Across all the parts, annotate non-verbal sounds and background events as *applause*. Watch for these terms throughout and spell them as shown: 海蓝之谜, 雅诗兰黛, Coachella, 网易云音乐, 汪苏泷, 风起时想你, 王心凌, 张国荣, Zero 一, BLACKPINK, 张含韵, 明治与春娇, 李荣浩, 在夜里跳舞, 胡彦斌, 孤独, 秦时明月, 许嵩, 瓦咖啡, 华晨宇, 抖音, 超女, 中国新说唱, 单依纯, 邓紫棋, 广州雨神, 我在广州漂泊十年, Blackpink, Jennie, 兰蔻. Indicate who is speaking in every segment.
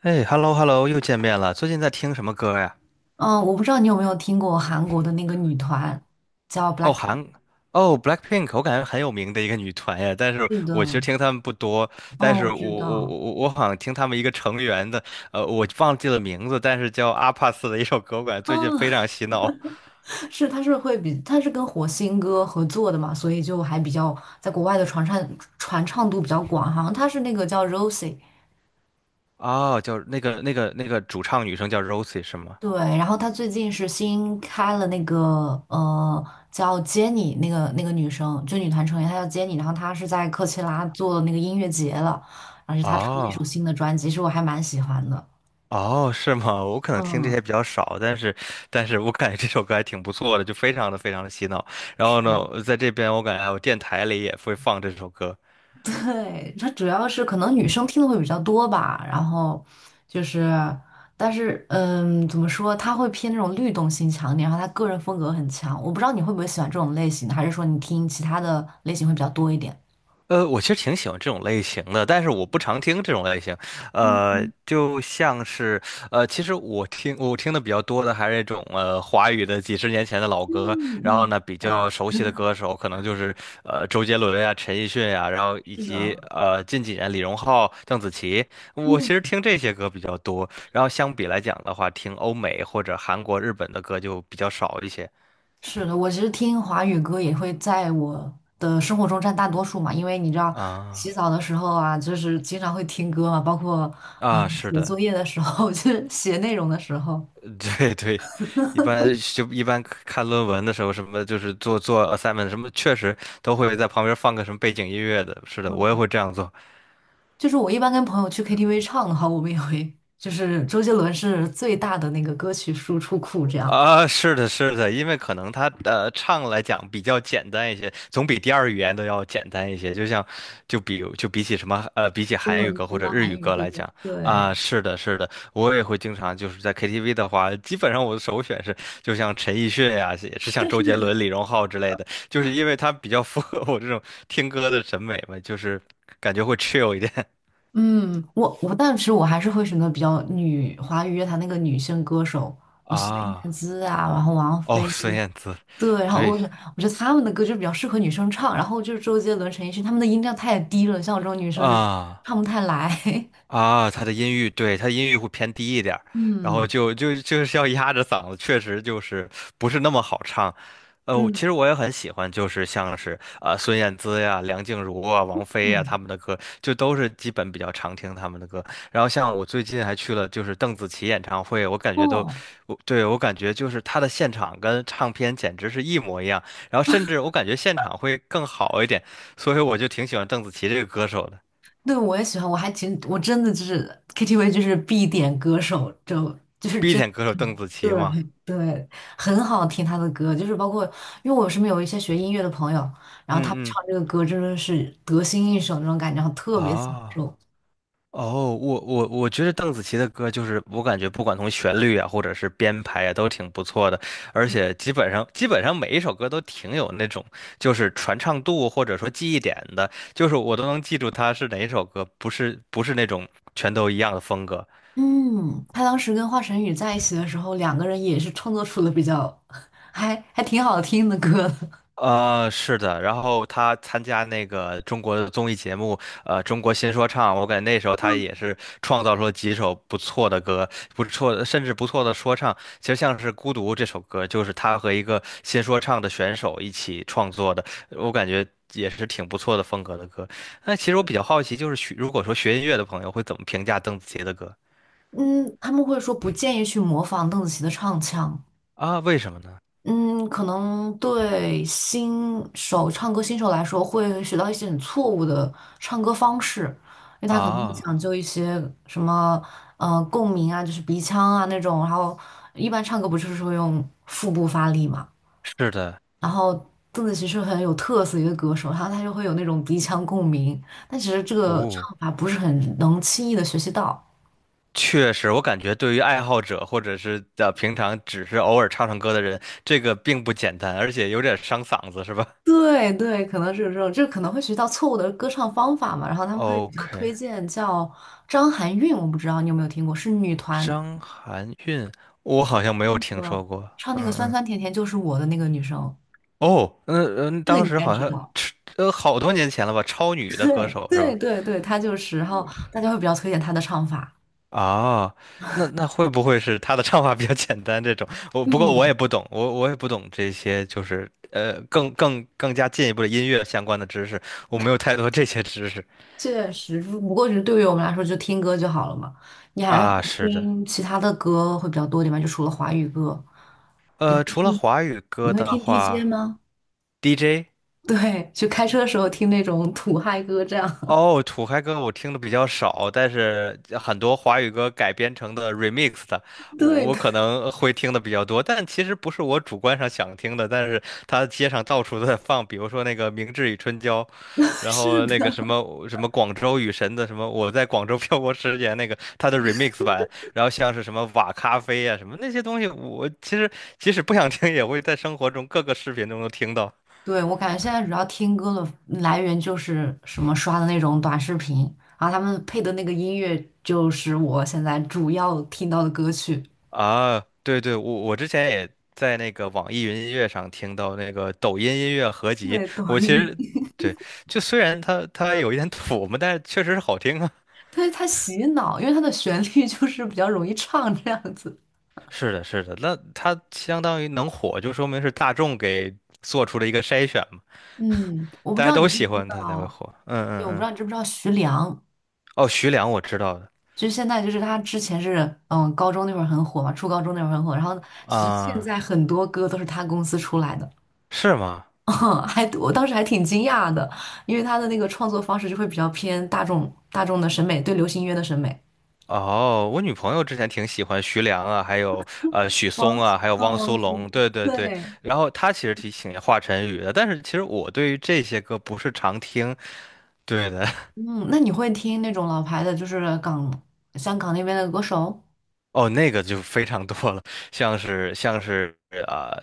Speaker 1: 哎，hello hello，又见面了。最近在听什么歌呀？
Speaker 2: 嗯，我不知道你有没有听过韩国的那个女团叫
Speaker 1: 哦，
Speaker 2: BLACKPINK。
Speaker 1: 韩，哦，Blackpink，我感觉很有名的一个女团呀。但是
Speaker 2: 是的，
Speaker 1: 我其实听她们不多，但
Speaker 2: 哦，
Speaker 1: 是
Speaker 2: 我
Speaker 1: 我
Speaker 2: 知
Speaker 1: 我
Speaker 2: 道，
Speaker 1: 我我好像听她们一个成员的，我忘记了名字，但是叫阿帕斯的一首歌，我感觉最近非
Speaker 2: 嗯，
Speaker 1: 常洗脑。
Speaker 2: *laughs* 她是跟火星哥合作的嘛，所以就还比较在国外的传唱度比较广，好像她是那个叫 Rosie。
Speaker 1: 哦，叫那个主唱女生叫 Rosie 是吗？
Speaker 2: 对，然后她最近是新开了那个呃叫 Jennie 那个女生，就女团成员，她叫 Jennie,然后她是在科切拉做那个音乐节了，而且她出了一首
Speaker 1: 哦。
Speaker 2: 新的专辑，其实我还蛮喜欢的。
Speaker 1: 哦，是吗？我可能听这些
Speaker 2: 嗯。
Speaker 1: 比较少，但是，但是我感觉这首歌还挺不错的，就非常的洗脑。然后呢，在这边我感觉还有电台里也会放这首歌，
Speaker 2: 对，它主要是可能女生听的会比较多吧，然后就是，但是怎么说，他会偏那种律动性强一点，然后他个人风格很强。我不知道你会不会喜欢这种类型的，还是说你听其他的类型会比较多一点？
Speaker 1: 我其实挺喜欢这种类型的，但是我不常听这种类型。
Speaker 2: 嗯
Speaker 1: 呃，
Speaker 2: 嗯
Speaker 1: 就像是其实我听的比较多的还是那种华语的几十年前的老
Speaker 2: 嗯，
Speaker 1: 歌，然后
Speaker 2: 嗯，
Speaker 1: 呢比
Speaker 2: 对，
Speaker 1: 较熟悉的歌手可能就是周杰伦呀、陈奕迅呀，然后以
Speaker 2: 是
Speaker 1: 及
Speaker 2: 的，
Speaker 1: 近几年李荣浩、邓紫棋，我其
Speaker 2: 嗯，
Speaker 1: 实听这些歌比较多。然后相比来讲的话，听欧美或者韩国、日本的歌就比较少一些。
Speaker 2: 是的，我其实听华语歌也会在我的生活中占大多数嘛，因为你知道，洗
Speaker 1: 啊
Speaker 2: 澡的时候啊，就是经常会听歌嘛，包括
Speaker 1: 啊，是
Speaker 2: 写作
Speaker 1: 的。
Speaker 2: 业的时候，*laughs* 就是写内容的时候。
Speaker 1: *laughs* 对对，一般一般看论文的时候，什么就是做 assignment 什么，确实都会在旁边放个什么背景音乐的。是的，我也
Speaker 2: 嗯。
Speaker 1: 会这样做。
Speaker 2: 就是我一般跟朋友去 KTV 唱的话，我们也会，就是周杰伦是最大的那个歌曲输出库，这样。
Speaker 1: 啊，是的，是的，因为可能他唱来讲比较简单一些，总比第二语言都要简单一些。就像，就比起什么，比起
Speaker 2: 英
Speaker 1: 韩语
Speaker 2: 文
Speaker 1: 歌或
Speaker 2: 歌、
Speaker 1: 者日
Speaker 2: 韩
Speaker 1: 语
Speaker 2: 语
Speaker 1: 歌
Speaker 2: 歌，
Speaker 1: 来讲啊，
Speaker 2: 对，
Speaker 1: 是的，是的，我也会经常就是在 KTV 的话，基本上我的首选是就像陈奕迅呀、也是像
Speaker 2: *laughs*
Speaker 1: 周
Speaker 2: 是
Speaker 1: 杰伦、
Speaker 2: 的。
Speaker 1: 李荣浩之类的，就是因为他比较符合我这种听歌的审美嘛，就是感觉会 chill 一点
Speaker 2: 嗯，但是我还是会选择比较女华语乐坛那个女性歌手，
Speaker 1: *laughs*
Speaker 2: 孙燕
Speaker 1: 啊。
Speaker 2: 姿啊，然后王
Speaker 1: 哦，
Speaker 2: 菲，
Speaker 1: 孙燕姿，
Speaker 2: 对，然后
Speaker 1: 对
Speaker 2: 我觉得他们的歌就比较适合女生唱，然后就是周杰伦、陈奕迅，他们的音量太低了，像我这种女生就
Speaker 1: 啊。
Speaker 2: 唱不太来。*laughs*
Speaker 1: 啊，他的音域，对，他的音域会偏低一点儿，然
Speaker 2: 嗯
Speaker 1: 后就是要压着嗓子，确实就是不是那么好唱。呃，我其
Speaker 2: 嗯
Speaker 1: 实我也很喜欢，就是像是啊孙燕姿呀、梁静茹啊、王菲呀
Speaker 2: 嗯，
Speaker 1: 他们的歌，就都是基本比较常听他们的歌。然后像我最近还去了就是邓紫棋演唱会，我感觉都，
Speaker 2: 哦。
Speaker 1: 我感觉就是她的现场跟唱片简直是一模一样，然后甚至我感觉现场会更好一点，所以我就挺喜欢邓紫棋这个歌手的
Speaker 2: 对，我也喜欢，我还挺，我真的就是 KTV 就是必点歌手，就是
Speaker 1: ，B
Speaker 2: 真
Speaker 1: 点歌手邓紫
Speaker 2: 的。
Speaker 1: 棋嘛。
Speaker 2: 对对，很好听他的歌，就是包括因为我身边有一些学音乐的朋友，然后他们
Speaker 1: 嗯嗯
Speaker 2: 唱这个歌真的是得心应手那种感觉，然后特别享
Speaker 1: 啊
Speaker 2: 受。
Speaker 1: 哦，我觉得邓紫棋的歌就是我感觉不管从旋律啊，或者是编排啊，都挺不错的，而且基本上每一首歌都挺有那种就是传唱度或者说记忆点的，就是我都能记住它是哪一首歌，不是那种全都一样的风格。
Speaker 2: 嗯，他当时跟华晨宇在一起的时候，两个人也是创作出了比较 *laughs* 还挺好听的歌的。
Speaker 1: 呃，是的，然后他参加那个中国的综艺节目，《中国新说唱》，我感觉那时候他也是创造出了几首不错的歌，不错的，甚至不错的说唱。其实像是《孤独》这首歌，就是他和一个新说唱的选手一起创作的，我感觉也是挺不错的风格的歌。那其实我比较好奇，就是学如果说学音乐的朋友会怎么评价邓紫棋的歌
Speaker 2: 嗯，他们会说不建议去模仿邓紫棋的唱腔。
Speaker 1: 啊？为什么呢？
Speaker 2: 嗯，可能对新手唱歌新手来说，会学到一些很错误的唱歌方式，因为他可能会
Speaker 1: 啊，
Speaker 2: 讲究一些什么共鸣啊，就是鼻腔啊那种，然后一般唱歌不就是会用腹部发力嘛，
Speaker 1: 是的，
Speaker 2: 然后邓紫棋是很有特色的一个歌手，然后她就会有那种鼻腔共鸣，但其实这个
Speaker 1: 哦。
Speaker 2: 唱法不是很能轻易的学习到。
Speaker 1: 确实，我感觉对于爱好者或者是平常只是偶尔唱唱歌的人，这个并不简单，而且有点伤嗓子，是吧
Speaker 2: 对对，可能是有这种，就可能会学到错误的歌唱方法嘛，然后他们会比较
Speaker 1: ？OK，
Speaker 2: 推荐叫张含韵，我不知道你有没有听过，是女团
Speaker 1: 张含韵，我好像没
Speaker 2: 唱
Speaker 1: 有
Speaker 2: 那
Speaker 1: 听
Speaker 2: 个
Speaker 1: 说过。
Speaker 2: 酸
Speaker 1: 嗯，
Speaker 2: 酸甜甜就是我的那个女生，
Speaker 1: 哦，嗯嗯，
Speaker 2: 这个
Speaker 1: 当
Speaker 2: 你应
Speaker 1: 时
Speaker 2: 该
Speaker 1: 好
Speaker 2: 知
Speaker 1: 像
Speaker 2: 道。
Speaker 1: 好多年前了吧，超女的歌
Speaker 2: 对
Speaker 1: 手是
Speaker 2: 对
Speaker 1: 吧？
Speaker 2: 对对，她就是，然后大家会比较推荐她的唱法。
Speaker 1: 啊，那那会不会是她的唱法比较简单这种？我不过我也
Speaker 2: 嗯，
Speaker 1: 不懂，我也不懂这些，就是更加进一步的音乐相关的知识，我没有太多这些知识。
Speaker 2: 确实，不过是对于我们来说，就听歌就好了嘛。你还会
Speaker 1: 啊，是的，
Speaker 2: 听其他的歌会比较多点吗？就除了华语歌，
Speaker 1: 除了华语
Speaker 2: 你
Speaker 1: 歌
Speaker 2: 会
Speaker 1: 的
Speaker 2: 听 DJ
Speaker 1: 话
Speaker 2: 吗？
Speaker 1: ，DJ
Speaker 2: *laughs* 对，就开车的时候听那种土嗨歌这样。*laughs*
Speaker 1: 哦，土嗨歌我听的比较少，但是很多华语歌改编成的 remix 的，
Speaker 2: 对
Speaker 1: 我可能会听的比较多。但其实不是我主观上想听的，但是它街上到处都在放，比如说那个《明治与春娇》，
Speaker 2: *laughs*
Speaker 1: 然
Speaker 2: 是
Speaker 1: 后那个
Speaker 2: 的，
Speaker 1: 什么《广州雨神》的什么《我在广州漂泊十年》那个它的 remix 版，然后像是什么瓦咖啡啊什么那些东西，我其实即使不想听，也会在生活中各个视频中能听到。
Speaker 2: 对，我感觉现在主要听歌的来源就是什么刷的那种短视频，然后他们配的那个音乐就是我现在主要听到的歌曲。
Speaker 1: 啊，对对，我之前也在那个网易云音乐上听到那个抖音音乐合集，
Speaker 2: 对，抖
Speaker 1: 我其
Speaker 2: 音。
Speaker 1: 实
Speaker 2: *laughs*
Speaker 1: 对，就虽然它有一点土嘛，但是确实是好听啊。*laughs*
Speaker 2: 对，它洗脑，因为它的旋律就是比较容易唱这样子。
Speaker 1: 是的，是的，那它相当于能火，就说明是大众给做出了一个筛选嘛，
Speaker 2: 嗯，我不
Speaker 1: 大
Speaker 2: 知
Speaker 1: 家
Speaker 2: 道你
Speaker 1: 都
Speaker 2: 知
Speaker 1: 喜
Speaker 2: 不知
Speaker 1: 欢它才会
Speaker 2: 道。
Speaker 1: 火。嗯
Speaker 2: 对，
Speaker 1: 嗯
Speaker 2: 我不知
Speaker 1: 嗯，
Speaker 2: 道你知不知道徐良，
Speaker 1: 哦，徐良我知道的
Speaker 2: 就是现在就是他之前是高中那会儿很火嘛，初高中那会儿很火，然后其实现
Speaker 1: 啊，
Speaker 2: 在很多歌都是他公司出来的。
Speaker 1: 是吗？
Speaker 2: 嗯 *laughs* 还我当时还挺惊讶的，因为他的那个创作方式就会比较偏大众的审美，对流行音乐的审美。
Speaker 1: 哦，我女朋友之前挺喜欢徐良啊，还有许嵩
Speaker 2: 王，
Speaker 1: 啊，还有汪苏
Speaker 2: 王心凌
Speaker 1: 泷，对对对。
Speaker 2: 对。
Speaker 1: 然后她其实挺喜欢华晨宇的，但是其实我对于这些歌不是常听。对的，
Speaker 2: 嗯，那你会听那种老牌的，就是香港那边的歌手？
Speaker 1: *laughs* 哦，那个就非常多了，像是呃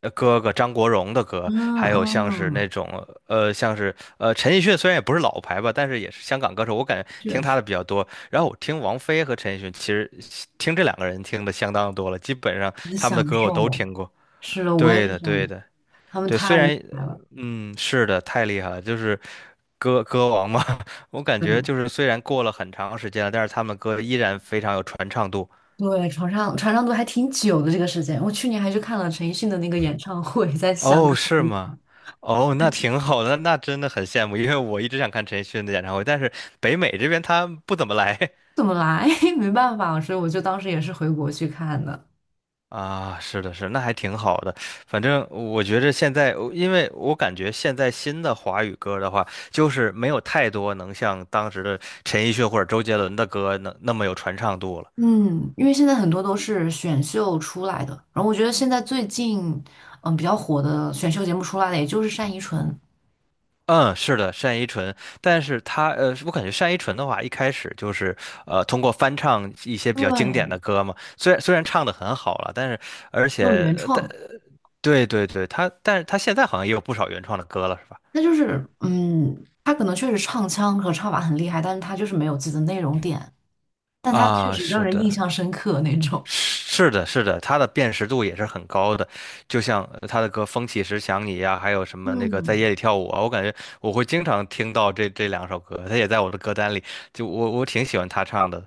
Speaker 1: 哥哥张国荣的歌，
Speaker 2: 嗯
Speaker 1: 还有像是
Speaker 2: 嗯，
Speaker 1: 那种像是陈奕迅，虽然也不是老牌吧，但是也是香港歌手，我感觉听
Speaker 2: 确
Speaker 1: 他
Speaker 2: 实
Speaker 1: 的比较多。然后我听王菲和陈奕迅，其实听这两个人听的相当多了，基本上
Speaker 2: 很
Speaker 1: 他们的
Speaker 2: 享
Speaker 1: 歌我都
Speaker 2: 受。
Speaker 1: 听过。
Speaker 2: 是的，我也
Speaker 1: 对
Speaker 2: 是
Speaker 1: 的，对
Speaker 2: 想，
Speaker 1: 的，
Speaker 2: 他们
Speaker 1: 对。虽
Speaker 2: 太厉
Speaker 1: 然，
Speaker 2: 害了。
Speaker 1: 嗯，是的，太厉害了，就是歌歌王嘛。*laughs* 我感
Speaker 2: 对
Speaker 1: 觉就是虽然过了很长时间了，但是他们歌依然非常有传唱度。
Speaker 2: 对，传唱度还挺久的这个时间。我去年还去看了陈奕迅的那个演唱会，在香港。
Speaker 1: 哦，是吗？哦，那挺好的，那真的很羡慕，因为我一直想看陈奕迅的演唱会，但是北美这边他不怎么来。
Speaker 2: 怎么来？*laughs* 没办法，所以我就当时也是回国去看的。
Speaker 1: 啊，是的，是，那还挺好的。反正我觉着现在，因为我感觉现在新的华语歌的话，就是没有太多能像当时的陈奕迅或者周杰伦的歌能那么有传唱度了。
Speaker 2: 嗯，因为现在很多都是选秀出来的，然后我觉得现在最近比较火的选秀节目出来的，也就是单依纯，
Speaker 1: 嗯，是的，单依纯，但是他，我感觉单依纯的话，一开始就是通过翻唱一些比较经典的
Speaker 2: 对，
Speaker 1: 歌嘛，虽然唱的很好了，但是而且
Speaker 2: 有原
Speaker 1: 但
Speaker 2: 创，
Speaker 1: 对对对，他但是他现在好像也有不少原创的歌了，是吧？
Speaker 2: 那就是他可能确实唱腔和唱法很厉害，但是他就是没有自己的内容点，但他确
Speaker 1: 啊，
Speaker 2: 实让
Speaker 1: 是
Speaker 2: 人印
Speaker 1: 的，
Speaker 2: 象深刻那种。
Speaker 1: 是的，是的，他的辨识度也是很高的，就像他的歌《风起时想你》呀，还有什么那个在
Speaker 2: 嗯，
Speaker 1: 夜里跳舞啊，我感觉我会经常听到这两首歌，他也在我的歌单里，就我挺喜欢他唱的。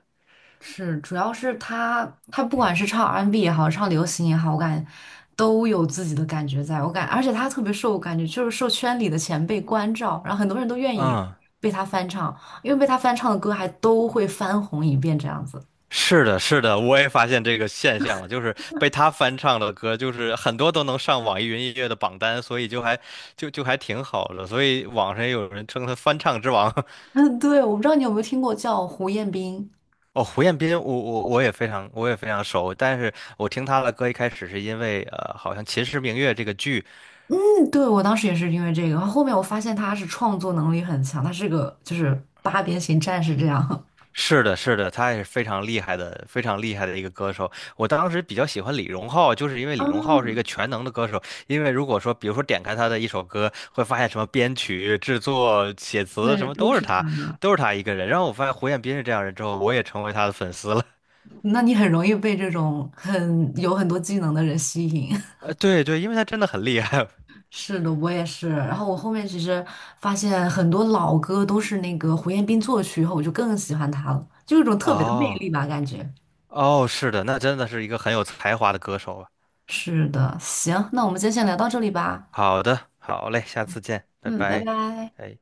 Speaker 2: 是，主要是他不管是唱 R&B N 也好，唱流行也好，我感觉都有自己的感觉在，而且他特别受，我感觉就是受圈里的前辈关照，然后很多人都愿意
Speaker 1: 嗯，
Speaker 2: 被他翻唱，因为被他翻唱的歌还都会翻红一遍这样子。
Speaker 1: 是的，是的，我也发现这个现象了，就是被他翻唱的歌，就是很多都能上网易云音乐的榜单，所以就还就就还挺好的，所以网上也有人称他翻唱之王。
Speaker 2: *laughs* 嗯，对，我不知道你有没有听过叫胡彦斌。
Speaker 1: 哦，胡彦斌，我也非常我也非常熟，但是我听他的歌一开始是因为好像《秦时明月》这个剧，
Speaker 2: 嗯，对，我当时也是因为这个，然后后面我发现他是创作能力很强，他是个就是八边形战士这样。*laughs*
Speaker 1: 是的，是的，他也是非常厉害的，非常厉害的一个歌手。我当时比较喜欢李荣浩，就是因为李荣浩是一
Speaker 2: 嗯，
Speaker 1: 个全能的歌手，因为如果说比如说点开他的一首歌，会发现什么编曲、制作、写词什
Speaker 2: 对，
Speaker 1: 么
Speaker 2: 都
Speaker 1: 都是
Speaker 2: 是他。
Speaker 1: 他，都是他一个人。然后我发现胡彦斌是这样人之后，我也成为他的粉丝了。*laughs*
Speaker 2: 那你很容易被这种很有很多技能的人吸引。*laughs*
Speaker 1: 对对，因为他真的很厉害。
Speaker 2: 是的，我也是。然后我后面其实发现很多老歌都是那个胡彦斌作曲以后，我就更喜欢他了，就有一种
Speaker 1: *laughs*
Speaker 2: 特别的魅
Speaker 1: 哦
Speaker 2: 力吧，感觉。
Speaker 1: 哦，是的，那真的是一个很有才华的歌手啊。
Speaker 2: 是的，行，那我们今天先聊到这里吧。
Speaker 1: 好的，好嘞，下次见，拜
Speaker 2: 嗯，拜
Speaker 1: 拜。
Speaker 2: 拜。
Speaker 1: 哎。